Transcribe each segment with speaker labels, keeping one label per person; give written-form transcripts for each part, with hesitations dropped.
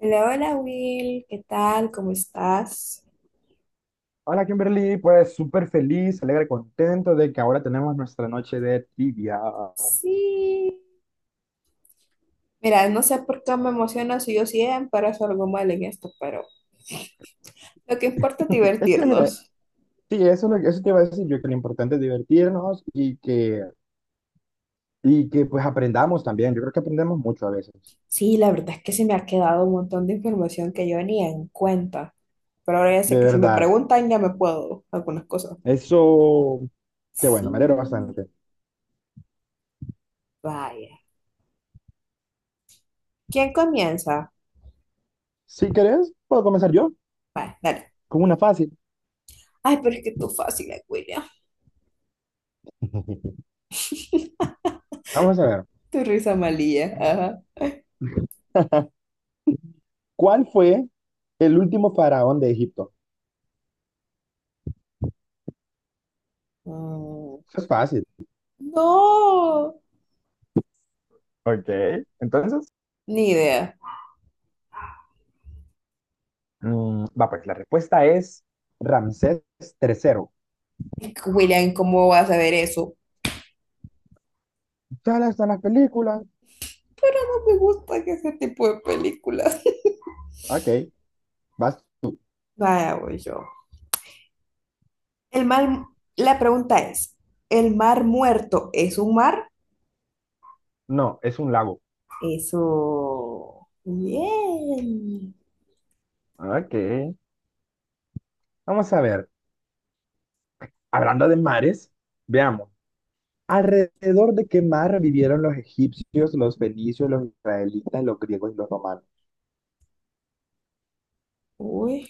Speaker 1: Hola, hola Will, ¿qué tal? ¿Cómo estás?
Speaker 2: Hola Kimberly, pues súper feliz, alegre, contento de que ahora tenemos nuestra noche de trivia.
Speaker 1: Sí. Mira, no sé por qué me emociono si yo siempre hago algo mal en esto, pero lo que importa es
Speaker 2: Es que mira,
Speaker 1: divertirnos.
Speaker 2: sí, eso, eso te iba a decir yo, que lo importante es divertirnos y que pues aprendamos también. Yo creo que aprendemos mucho a veces,
Speaker 1: Sí, la verdad es que se me ha quedado un montón de información que yo ni en cuenta, pero ahora ya sé
Speaker 2: de
Speaker 1: que si me
Speaker 2: verdad.
Speaker 1: preguntan ya me puedo algunas cosas.
Speaker 2: Eso, qué bueno,
Speaker 1: Sí,
Speaker 2: me alegro bastante.
Speaker 1: vaya. ¿Quién comienza?
Speaker 2: Si querés, puedo comenzar yo
Speaker 1: Vaya, dale.
Speaker 2: con una fácil.
Speaker 1: Ay, pero es que tú fácil, William.
Speaker 2: Vamos a ver,
Speaker 1: Tu risa malilla, ajá.
Speaker 2: ¿cuál fue el último faraón de Egipto?
Speaker 1: Mm.
Speaker 2: Eso es fácil.
Speaker 1: No,
Speaker 2: Ok, entonces.
Speaker 1: ni idea.
Speaker 2: Va, pues la respuesta es Ramsés Tercero.
Speaker 1: William, ¿cómo vas a ver eso?
Speaker 2: Están las películas.
Speaker 1: No me gusta ese tipo de películas.
Speaker 2: Ok, vas.
Speaker 1: Vaya, voy yo. El mar, la pregunta es, ¿el mar muerto es un mar?
Speaker 2: No, es un lago.
Speaker 1: Eso. Bien.
Speaker 2: Ok, vamos a ver. Hablando de mares, veamos. ¿Alrededor de qué mar vivieron los egipcios, los fenicios, los israelitas, los griegos y los romanos?
Speaker 1: Uy,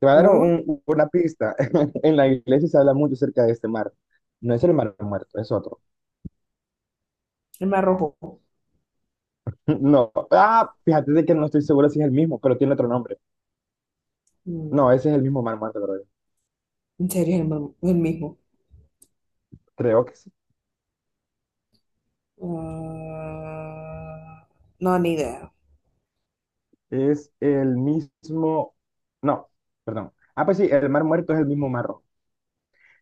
Speaker 2: Te voy a dar
Speaker 1: uy,
Speaker 2: una pista. En la iglesia se habla mucho acerca de este mar. No es el mar muerto, es otro.
Speaker 1: el mar rojo.
Speaker 2: No. Ah, fíjate de que no estoy seguro si es el mismo, pero tiene otro nombre. No,
Speaker 1: Mm.
Speaker 2: ese es el mismo mar muerto, creo.
Speaker 1: ¿En serio es el, mar- el mismo?
Speaker 2: Creo que sí.
Speaker 1: Ah, no, ni idea.
Speaker 2: Es el mismo, no, perdón. Ah, pues sí, el mar muerto es el mismo mar rojo.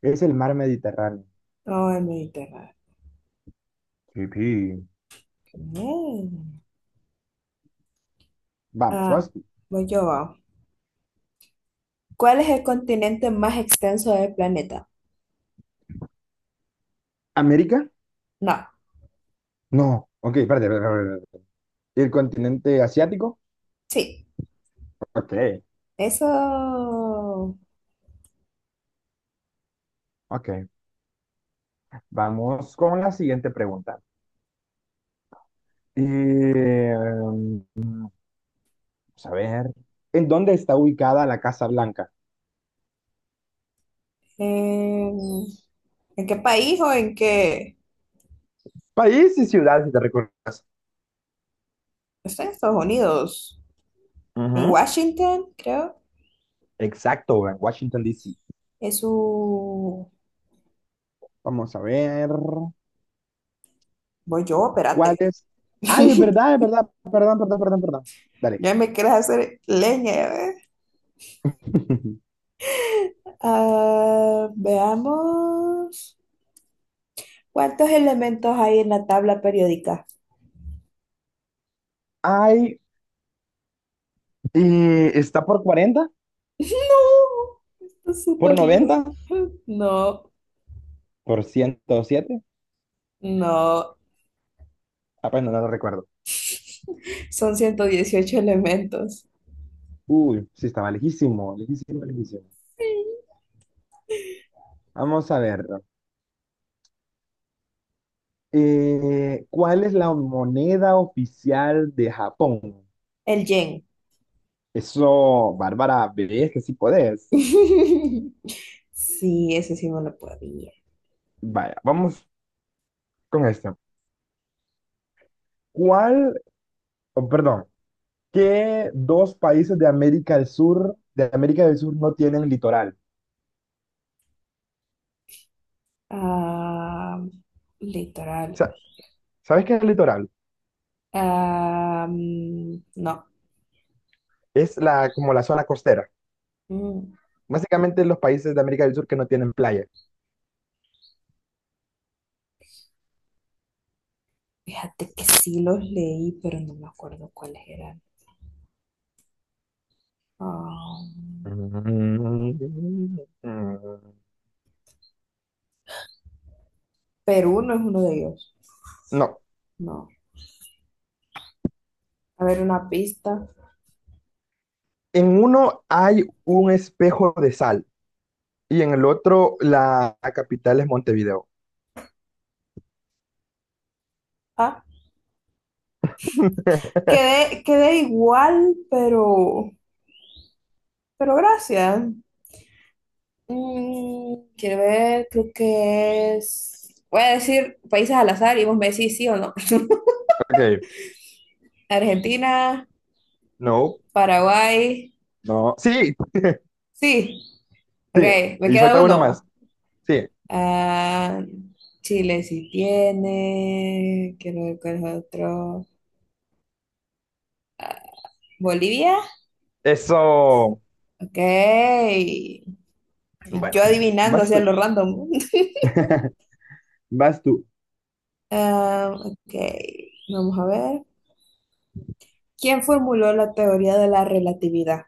Speaker 2: Es el mar Mediterráneo.
Speaker 1: No, el Mediterráneo.
Speaker 2: Sí, sí.
Speaker 1: Bien.
Speaker 2: Vamos,
Speaker 1: Ah,
Speaker 2: vas.
Speaker 1: voy yo, va. ¿Cuál es el continente más extenso del planeta?
Speaker 2: ¿América?
Speaker 1: No.
Speaker 2: No. Ok, espérate, espérate, espérate, espérate. ¿El continente asiático?
Speaker 1: Sí,
Speaker 2: Ok,
Speaker 1: eso.
Speaker 2: ok. Vamos con la siguiente pregunta. Vamos a ver. ¿En dónde está ubicada la Casa Blanca?
Speaker 1: em, ¿En qué país o en qué?
Speaker 2: País y ciudad, si te recuerdas.
Speaker 1: Está en Estados Unidos, en
Speaker 2: Ujú.
Speaker 1: Washington, creo.
Speaker 2: Exacto, en Washington, D.C.
Speaker 1: Es su.
Speaker 2: Vamos a ver.
Speaker 1: Voy yo,
Speaker 2: ¿Cuál
Speaker 1: espérate.
Speaker 2: es? Ay, es verdad, es verdad. Perdón, perdón, perdón, perdón. Dale.
Speaker 1: Ya me quieres hacer leña, ya ves. Ah, veamos. ¿Cuántos elementos hay en la tabla periódica?
Speaker 2: Ay, está por 40,
Speaker 1: No, está
Speaker 2: por
Speaker 1: súper lejos.
Speaker 2: 90,
Speaker 1: No,
Speaker 2: por 107.
Speaker 1: no.
Speaker 2: Apenas no lo recuerdo.
Speaker 1: Son 118 elementos.
Speaker 2: Uy, sí, estaba lejísimo, lejísimo, lejísimo.
Speaker 1: Sí.
Speaker 2: Vamos a ver. ¿Cuál es la moneda oficial de Japón?
Speaker 1: El yen.
Speaker 2: Eso, Bárbara, bebé, es que sí podés.
Speaker 1: Sí, ese sí no lo podía.
Speaker 2: Vaya, vamos con esto. ¿Cuál, oh, perdón, ¿Qué dos países de América del Sur, no tienen litoral?
Speaker 1: Ah,
Speaker 2: O
Speaker 1: litoral.
Speaker 2: sea, ¿sabes qué es el litoral?
Speaker 1: Ah, no.
Speaker 2: Es como la zona costera.
Speaker 1: Mm.
Speaker 2: Básicamente los países de América del Sur que no tienen playa.
Speaker 1: Fíjate que sí los leí, pero no me acuerdo cuáles eran. Ah, Perú no es uno de ellos.
Speaker 2: No,
Speaker 1: No. A ver, una pista.
Speaker 2: en uno hay un espejo de sal y en el otro la capital es Montevideo.
Speaker 1: Ah, quedé igual, pero gracias. Mm, quiero ver, creo que es. Voy a decir países al azar y vos me decís sí o no.
Speaker 2: Ok,
Speaker 1: Argentina,
Speaker 2: no,
Speaker 1: Paraguay.
Speaker 2: no. Sí,
Speaker 1: Sí, ok,
Speaker 2: sí,
Speaker 1: me
Speaker 2: y
Speaker 1: queda
Speaker 2: falta uno
Speaker 1: alguno va.
Speaker 2: más. Sí,
Speaker 1: Ah, Chile sí tiene. Quiero ver cuál es otro. Bolivia,
Speaker 2: eso.
Speaker 1: ok. Y
Speaker 2: Bueno,
Speaker 1: yo adivinando
Speaker 2: vas
Speaker 1: hacia
Speaker 2: tú.
Speaker 1: lo random.
Speaker 2: Vas tú.
Speaker 1: Ah, ok, vamos a ver. ¿Quién formuló la teoría de la relatividad?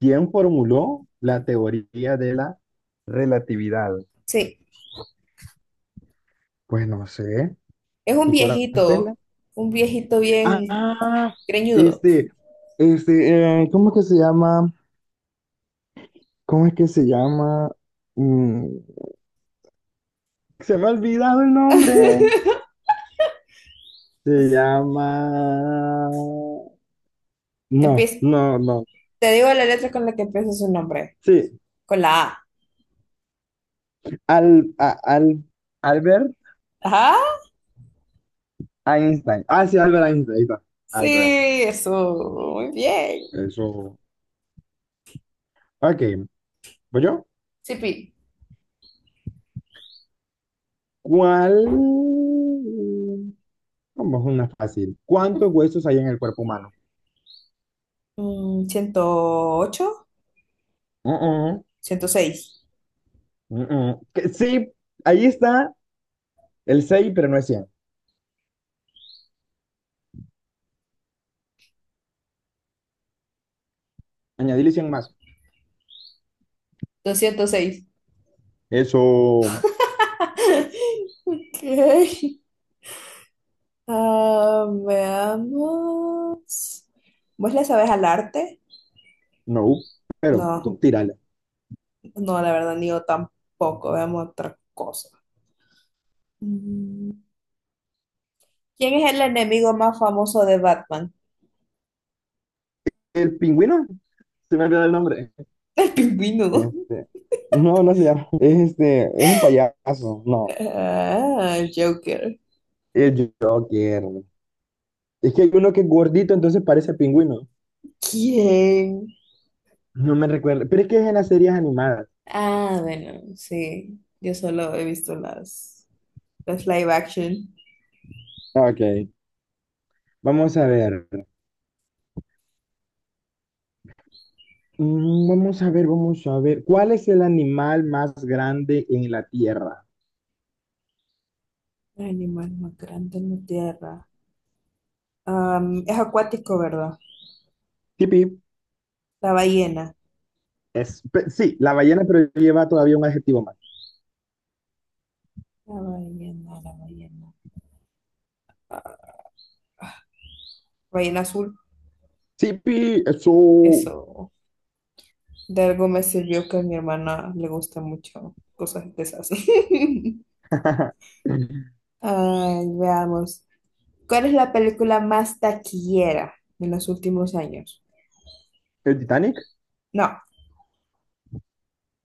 Speaker 2: ¿Quién formuló la teoría de la relatividad?
Speaker 1: Sí,
Speaker 2: Pues no sé,
Speaker 1: es
Speaker 2: Nicolás Tesla.
Speaker 1: un viejito bien
Speaker 2: Ah,
Speaker 1: greñudo.
Speaker 2: este, ¿cómo es que se llama? ¿Cómo es que se llama? Mm, Se me ha olvidado el nombre. Se llama... No,
Speaker 1: Empieza,
Speaker 2: no, no.
Speaker 1: te digo la letra con la que empieza su nombre,
Speaker 2: Sí,
Speaker 1: con la A.
Speaker 2: al, a- al, Albert
Speaker 1: Ajá.
Speaker 2: Einstein. Ah, sí, Albert Einstein. Ahí está, Albert Einstein.
Speaker 1: Sí, eso, muy bien.
Speaker 2: Eso. Ok, ¿voy yo?
Speaker 1: Sipi,
Speaker 2: ¿Cuál? Vamos, una fácil. ¿Cuántos huesos hay en el cuerpo humano?
Speaker 1: mm, 108,
Speaker 2: Mm, mm,
Speaker 1: 106,
Speaker 2: mm, mm. Mm. Que sí, ahí está el 6, pero no es 100. Añadirle 100 más.
Speaker 1: 206.
Speaker 2: Eso,
Speaker 1: Ok. Ah, veamos. ¿Vos le sabes al arte?
Speaker 2: no, pero
Speaker 1: No,
Speaker 2: tú tírala.
Speaker 1: no, la verdad, ni yo tampoco. Veamos otra cosa. Mm. ¿Quién es el enemigo más famoso de Batman?
Speaker 2: El pingüino, se me olvidó el nombre.
Speaker 1: El pingüino.
Speaker 2: Este, no, no se llama. Es este, es un payaso. No,
Speaker 1: Ah, el Joker.
Speaker 2: el Joker. Es que hay uno que es gordito, entonces parece pingüino.
Speaker 1: ¿Quién?
Speaker 2: No me recuerdo. Pero es que es en las series animadas.
Speaker 1: Ah, bueno, sí. Yo solo he visto las. Las live action.
Speaker 2: Ok, vamos a ver. Vamos a ver, vamos a ver. ¿Cuál es el animal más grande en la Tierra?
Speaker 1: Animal más grande en la tierra. ¿Es acuático, verdad?
Speaker 2: Tipi,
Speaker 1: La ballena.
Speaker 2: sí, la ballena, pero lleva todavía un adjetivo más.
Speaker 1: La ballena. Ah, ballena azul.
Speaker 2: Tipi, eso.
Speaker 1: Eso. De algo me sirvió que a mi hermana le gusta mucho cosas de esas. Ay, veamos. ¿Cuál es la película más taquillera de los últimos años?
Speaker 2: El Titanic.
Speaker 1: No,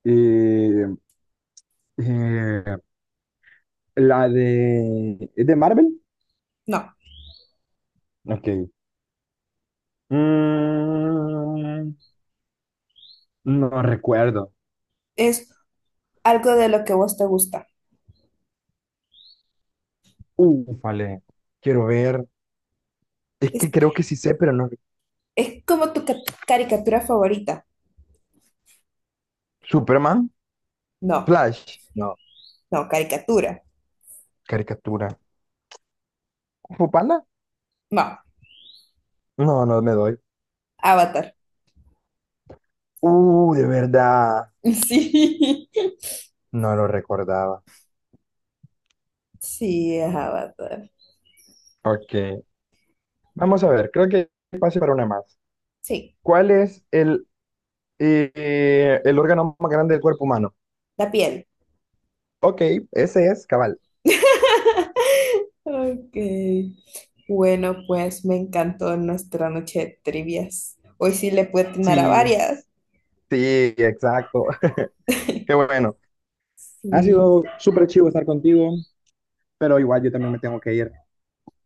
Speaker 2: Eh, eh, la de. ¿Es de Marvel?
Speaker 1: no.
Speaker 2: Ok. Mm, no recuerdo.
Speaker 1: Es algo de lo que vos te gusta.
Speaker 2: Vale. Quiero ver. Es que
Speaker 1: Es,
Speaker 2: creo que sí sé, pero no.
Speaker 1: es como tu caricatura favorita.
Speaker 2: ¿Superman?
Speaker 1: No,
Speaker 2: ¿Flash? No.
Speaker 1: no, caricatura.
Speaker 2: ¿Caricatura? ¿Kung Fu ¿Panda?
Speaker 1: No.
Speaker 2: No, no me doy.
Speaker 1: Avatar.
Speaker 2: De verdad,
Speaker 1: Sí,
Speaker 2: no lo recordaba.
Speaker 1: sí, es Avatar.
Speaker 2: Ok, vamos a ver, creo que pase para una más.
Speaker 1: Sí,
Speaker 2: ¿Cuál es el órgano más grande del cuerpo humano?
Speaker 1: la piel.
Speaker 2: Ok, ese es cabal.
Speaker 1: Ok. Bueno, pues me encantó nuestra noche de trivias. Hoy sí le puedo atinar a
Speaker 2: Sí,
Speaker 1: varias.
Speaker 2: sí, exacto. Qué bueno. Ha
Speaker 1: Sí,
Speaker 2: sido súper chivo estar contigo, pero igual yo también me tengo que ir.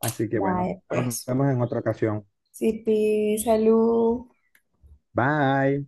Speaker 2: Así que bueno,
Speaker 1: vale,
Speaker 2: nos
Speaker 1: pues.
Speaker 2: vemos en otra ocasión.
Speaker 1: Sipi, salud.
Speaker 2: Bye.